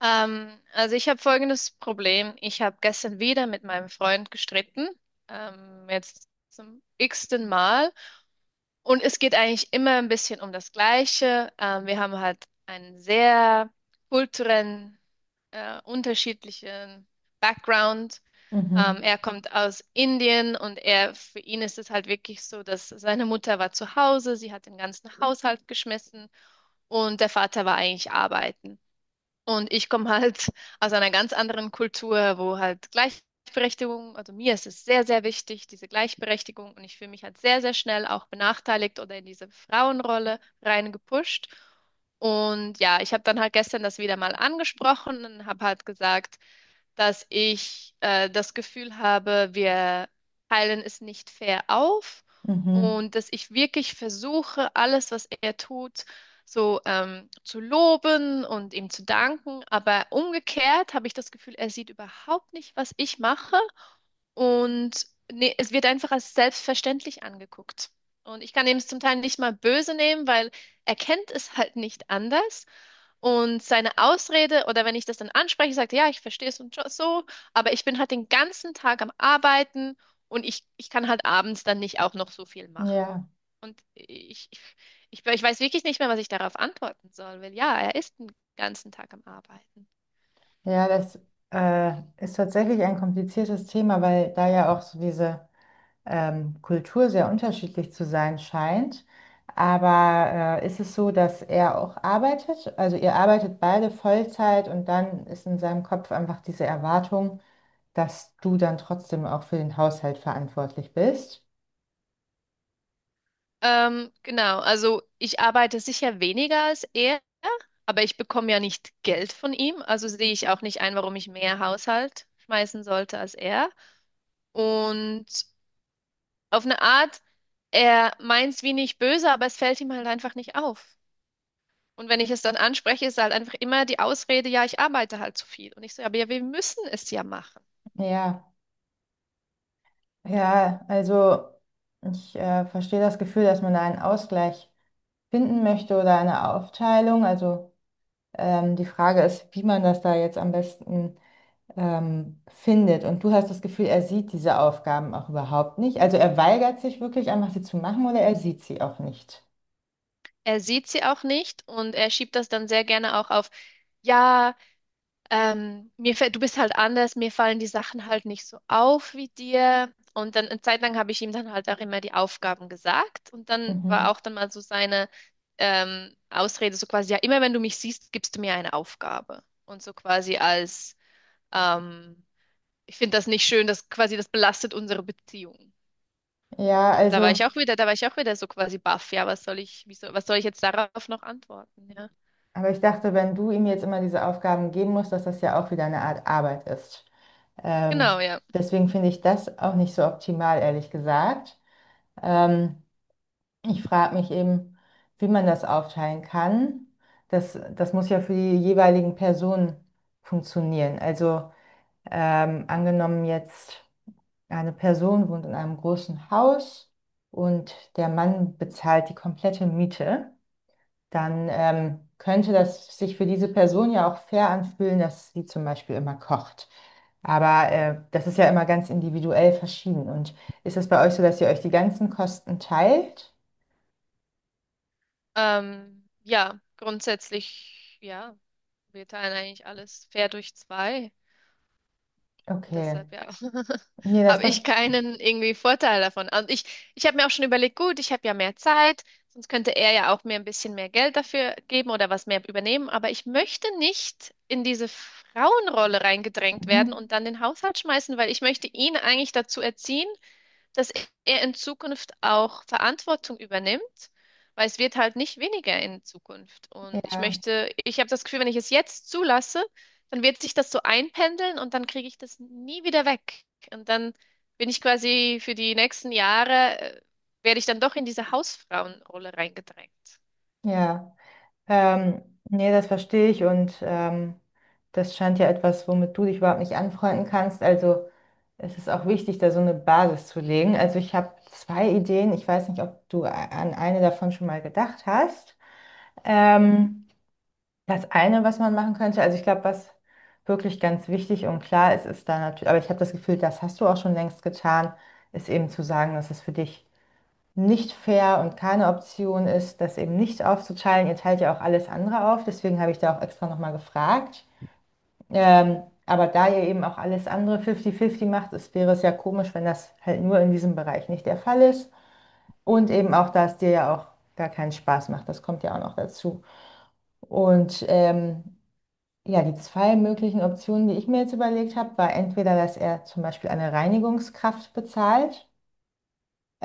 Also ich habe folgendes Problem. Ich habe gestern wieder mit meinem Freund gestritten, jetzt zum x-ten Mal. Und es geht eigentlich immer ein bisschen um das Gleiche. Wir haben halt einen sehr kulturellen, unterschiedlichen Background. Mhm, Er kommt aus Indien und er, für ihn ist es halt wirklich so, dass seine Mutter war zu Hause, sie hat den ganzen Haushalt geschmissen und der Vater war eigentlich arbeiten. Und ich komme halt aus einer ganz anderen Kultur, wo halt Gleichberechtigung, also mir ist es sehr, sehr wichtig, diese Gleichberechtigung. Und ich fühle mich halt sehr, sehr schnell auch benachteiligt oder in diese Frauenrolle reingepusht. Und ja, ich habe dann halt gestern das wieder mal angesprochen und habe halt gesagt, dass ich das Gefühl habe, wir teilen es nicht fair auf mhm. und dass ich wirklich versuche, alles, was er tut, so zu loben und ihm zu danken. Aber umgekehrt habe ich das Gefühl, er sieht überhaupt nicht, was ich mache und ne, es wird einfach als selbstverständlich angeguckt. Und ich kann ihm es zum Teil nicht mal böse nehmen, weil er kennt es halt nicht anders. Und seine Ausrede, oder wenn ich das dann anspreche, sagt er, ja, ich verstehe es und so, so, aber ich bin halt den ganzen Tag am Arbeiten und ich kann halt abends dann nicht auch noch so viel machen. Ja, Und ich weiß wirklich nicht mehr, was ich darauf antworten soll, weil ja, er ist den ganzen Tag am Arbeiten. ja, das ist tatsächlich ein kompliziertes Thema, weil da ja auch so diese Kultur sehr unterschiedlich zu sein scheint. Aber ist es so, dass er auch arbeitet? Also ihr arbeitet beide Vollzeit und dann ist in seinem Kopf einfach diese Erwartung, dass du dann trotzdem auch für den Haushalt verantwortlich bist. Genau, also ich arbeite sicher weniger als er, aber ich bekomme ja nicht Geld von ihm, also sehe ich auch nicht ein, warum ich mehr Haushalt schmeißen sollte als er. Und auf eine Art, er meint es wie nicht böse, aber es fällt ihm halt einfach nicht auf. Und wenn ich es dann anspreche, ist halt einfach immer die Ausrede, ja, ich arbeite halt zu viel. Und ich so, ja, aber ja, wir müssen es ja machen. Ja, ja, also ich verstehe das Gefühl, dass man da einen Ausgleich finden möchte oder eine Aufteilung. Also die Frage ist, wie man das da jetzt am besten findet. Und du hast das Gefühl, er sieht diese Aufgaben auch überhaupt nicht. Also er weigert sich wirklich einfach, sie zu machen oder er sieht sie auch nicht. Er sieht sie auch nicht und er schiebt das dann sehr gerne auch auf, ja, mir fällt, du bist halt anders, mir fallen die Sachen halt nicht so auf wie dir. Und dann eine Zeit lang habe ich ihm dann halt auch immer die Aufgaben gesagt und dann war Mhm. auch dann mal so seine Ausrede so quasi, ja, immer wenn du mich siehst, gibst du mir eine Aufgabe. Und so quasi als, ähm, ich finde das nicht schön, das quasi, das belastet unsere Beziehung. Ja, Und da war also, ich auch wieder, da war ich auch wieder so quasi baff, ja, was soll ich, wieso, was soll ich jetzt darauf noch antworten, ja. aber ich dachte, wenn du ihm jetzt immer diese Aufgaben geben musst, dass das ja auch wieder eine Art Arbeit ist. Ähm, Genau, ja. Deswegen finde ich das auch nicht so optimal, ehrlich gesagt. Ähm, Ich frage mich eben, wie man das aufteilen kann. Das, das muss ja für die jeweiligen Personen funktionieren. Also angenommen jetzt, eine Person wohnt in einem großen Haus und der Mann bezahlt die komplette Miete, dann könnte das sich für diese Person ja auch fair anfühlen, dass sie zum Beispiel immer kocht. Aber das ist ja immer ganz individuell verschieden. Und ist das bei euch so, dass ihr euch die ganzen Kosten teilt? Ja, grundsätzlich, ja, wir teilen eigentlich alles fair durch zwei. Und Okay. deshalb, ja, Nee, das habe ich verstehe. keinen irgendwie Vorteil davon. Und ich habe mir auch schon überlegt, gut, ich habe ja mehr Zeit, sonst könnte er ja auch mir ein bisschen mehr Geld dafür geben oder was mehr übernehmen. Aber ich möchte nicht in diese Frauenrolle reingedrängt werden Mhm. und dann den Haushalt schmeißen, weil ich möchte ihn eigentlich dazu erziehen, dass er in Zukunft auch Verantwortung übernimmt, weil es wird halt nicht weniger in Zukunft. Und ich Ja, möchte, ich habe das Gefühl, wenn ich es jetzt zulasse, dann wird sich das so einpendeln und dann kriege ich das nie wieder weg. Und dann bin ich quasi für die nächsten Jahre, werde ich dann doch in diese Hausfrauenrolle reingedrängt. ja. Ähm, Nee, das verstehe ich und das scheint ja etwas, womit du dich überhaupt nicht anfreunden kannst. Also es ist auch wichtig, da so eine Basis zu legen. Also ich habe 2 Ideen. Ich weiß nicht, ob du an eine davon schon mal gedacht hast. Mhm. Ähm, Das eine, was man machen könnte, also ich glaube, was wirklich ganz wichtig und klar ist, ist da natürlich, aber ich habe das Gefühl, das hast du auch schon längst getan, ist eben zu sagen, dass es für dich nicht fair und keine Option ist, das eben nicht aufzuteilen. Ihr teilt ja auch alles andere auf, deswegen habe ich da auch extra nochmal gefragt. Mhm. Aber da ihr eben auch alles andere 50-50 macht, es wäre es ja komisch, wenn das halt nur in diesem Bereich nicht der Fall ist. Und eben auch, dass dir ja auch gar keinen Spaß macht, das kommt ja auch noch dazu. Und ja, die zwei möglichen Optionen, die ich mir jetzt überlegt habe, war entweder, dass er zum Beispiel eine Reinigungskraft bezahlt.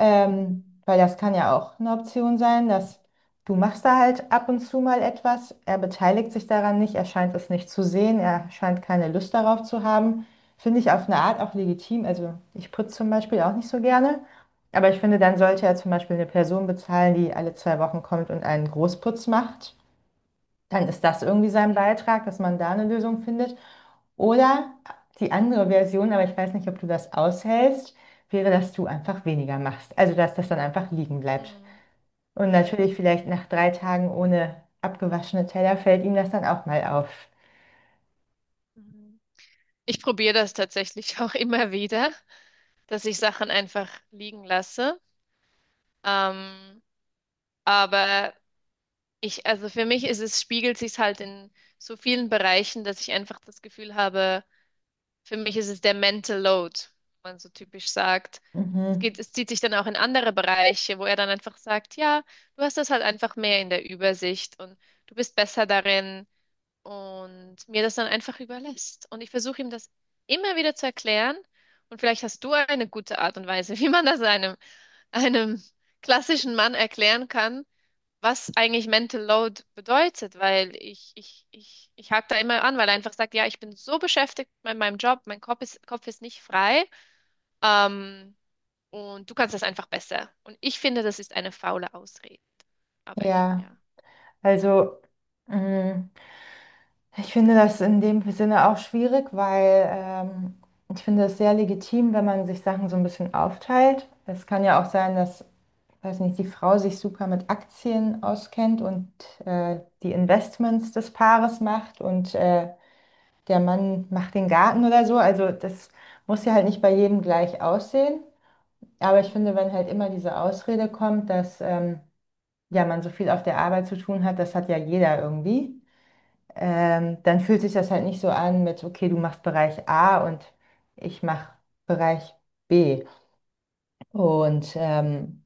Mhm. Weil das kann ja auch eine Option sein, dass du machst da halt ab und zu mal etwas. Er beteiligt sich daran nicht, er scheint es nicht zu sehen, er scheint keine Lust darauf zu haben. Finde ich auf eine Art auch legitim. Also ich putze zum Beispiel auch nicht so gerne. Aber ich finde, dann sollte Hm, er zum Beispiel eine Person bezahlen, die alle 2 Wochen kommt und einen Großputz macht. Dann ist das irgendwie sein Beitrag, dass man da eine Lösung findet. Oder die andere Version, aber ich weiß nicht, ob du das aushältst, wäre, dass du einfach weniger machst. Also, dass das dann einfach liegen bleibt. hm, Und ja. natürlich vielleicht nach 3 Tagen ohne abgewaschene Teller fällt ihm das dann auch mal auf. Mhm. Mhm. Ich probiere das tatsächlich auch immer wieder, dass ich Sachen einfach liegen lasse. Ähm, Aber ich, also für mich ist es, spiegelt sich halt in so vielen Bereichen, dass ich einfach das Gefühl habe, für mich ist es der Mental Load, wie man so typisch sagt. Es Mhm. geht, es zieht sich dann auch in andere Bereiche, wo er dann einfach sagt, ja, du hast das halt einfach mehr in der Übersicht und du bist besser darin und mir das dann einfach überlässt. Und ich versuche ihm das immer wieder zu erklären und vielleicht hast du eine gute Art und Weise, wie man das einem, einem klassischen Mann erklären kann, was eigentlich Mental Load bedeutet, weil ich hake da immer an, weil er einfach sagt, ja, ich bin so beschäftigt mit meinem Job, mein Kopf ist nicht frei, ähm, und du kannst das einfach besser. Und ich finde, das ist eine faule Ausrede. Aber ich, Ja, ja. also mh, ich finde das in dem Sinne auch schwierig, weil ich finde es sehr legitim, wenn man sich Sachen so ein bisschen aufteilt. Es kann ja auch sein, dass weiß nicht, die Frau sich super mit Aktien auskennt und die Investments des Paares macht und der Mann macht den Garten oder so. Also das muss ja halt nicht bei jedem gleich aussehen. Aber ich finde, Hm, wenn halt immer diese Ausrede kommt, dass ja, man so viel auf der Arbeit zu tun hat, das hat ja jeder irgendwie, dann fühlt sich das halt nicht so an mit, okay, du machst Bereich A und ich mache Bereich B. Und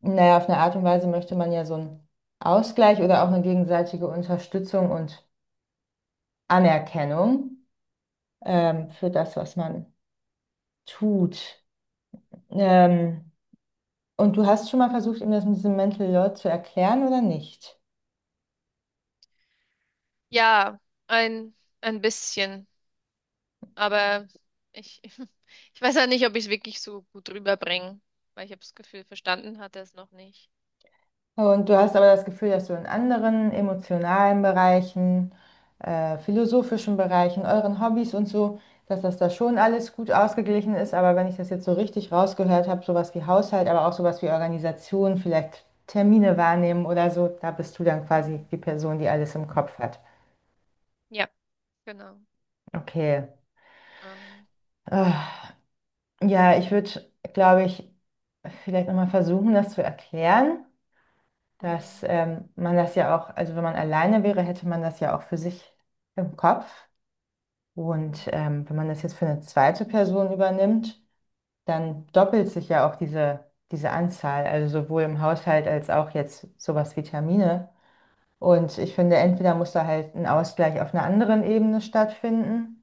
naja, auf eine Art und Weise möchte man ja so einen Ausgleich oder auch eine gegenseitige Unterstützung und Anerkennung hm. Für das, was man tut. Ähm, und du hast schon mal versucht, ihm das mit diesem Mental Load zu erklären oder nicht? Ja, ein, ein bisschen. Aber ich, ich weiß ja nicht, ob ich es wirklich so gut rüberbringe, weil ich habe das Gefühl, verstanden hat er es noch nicht. Und du hast aber das Gefühl, dass du in anderen emotionalen Bereichen, philosophischen Bereichen, euren Hobbys und so, dass das da schon alles gut ausgeglichen ist. Aber wenn ich das jetzt so richtig rausgehört habe, sowas wie Haushalt, aber auch sowas wie Organisation, vielleicht Termine wahrnehmen oder so, da bist du dann quasi Hm. die Person, die alles im Kopf hat. Ja, genau. Okay. Ähm, Ah, ja, ich würde, glaube ich, vielleicht nochmal versuchen, das zu erklären, dass hm, man das ja auch, also wenn man alleine wäre, hätte man das ja auch für sich im Kopf. Und mhm. Wenn man das jetzt für eine zweite Person übernimmt, dann doppelt sich ja auch diese, diese Anzahl, also sowohl im Haushalt als auch jetzt sowas wie Termine. Und ich finde, entweder muss da halt ein Ausgleich auf einer anderen Ebene stattfinden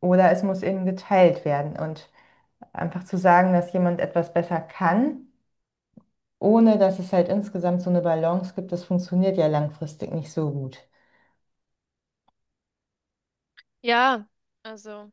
oder es muss eben geteilt werden. Und einfach zu sagen, dass jemand etwas besser kann, ohne dass es halt insgesamt so eine Balance gibt, das funktioniert ja langfristig nicht so gut. Ja, also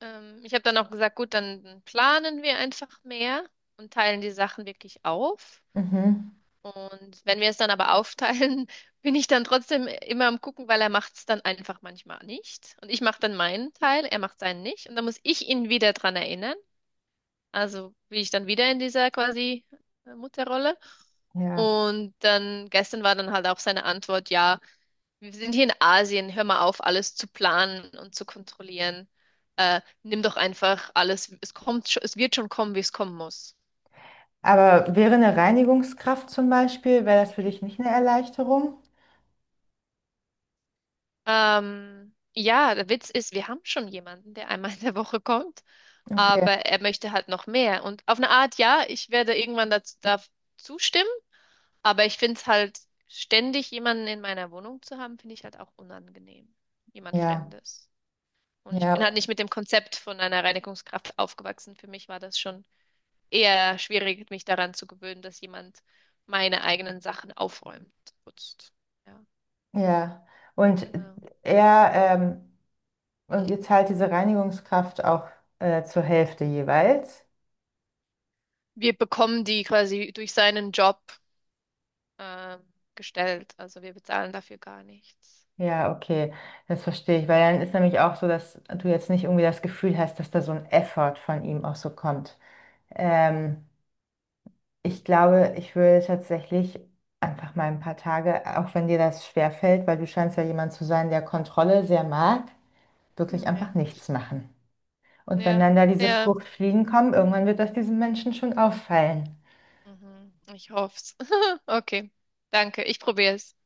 ich habe dann auch gesagt, gut, dann planen wir einfach mehr und teilen die Sachen wirklich auf. Mhm. Und wenn wir es dann aber aufteilen, bin ich dann trotzdem immer am Gucken, weil er macht es dann einfach manchmal nicht. Und ich mache dann meinen Teil, er macht seinen nicht. Und dann muss ich ihn wieder dran erinnern. Also bin ich dann wieder in dieser quasi Mutterrolle. Ja. Und dann gestern war dann halt auch seine Antwort, ja. Wir sind hier in Asien, hör mal auf, alles zu planen und zu kontrollieren. Nimm doch einfach alles, es kommt, es wird schon kommen, wie es kommen muss. Aber wäre eine Reinigungskraft zum Beispiel, wäre das für dich nicht eine Erleichterung? Ja, der Witz ist, wir haben schon jemanden, der einmal in der Woche kommt, Okay. aber er möchte halt noch mehr. Und auf eine Art, ja, ich werde irgendwann dazu, da zustimmen, aber ich finde es halt, ständig jemanden in meiner Wohnung zu haben, finde ich halt auch unangenehm. Jemand Ja, Fremdes. Und ich bin halt ja, nicht mit dem Konzept von einer Reinigungskraft aufgewachsen. Für mich war das schon eher schwierig, mich daran zu gewöhnen, dass jemand meine eigenen Sachen aufräumt, putzt. Ja, ja. Und genau. er, und ihr zahlt diese Reinigungskraft auch zur Hälfte jeweils? Wir bekommen die quasi durch seinen Job ähm, gestellt, also wir bezahlen dafür gar nichts. Ja, okay, das verstehe ich, weil dann ist nämlich auch so, dass du jetzt nicht irgendwie das Gefühl hast, dass da so ein Effort von ihm auch so kommt. Ähm, Ich glaube, ich würde tatsächlich einfach mal ein paar Tage, auch wenn dir das schwerfällt, weil du scheinst ja jemand zu sein, der Kontrolle sehr mag, wirklich Hm, einfach ja, nichts machen. Und wenn ja, dann da diese ja. Fruchtfliegen kommen, irgendwann wird das diesen Menschen schon auffallen. Mhm. Ich hoff's. Okay, danke. Ich probiere es.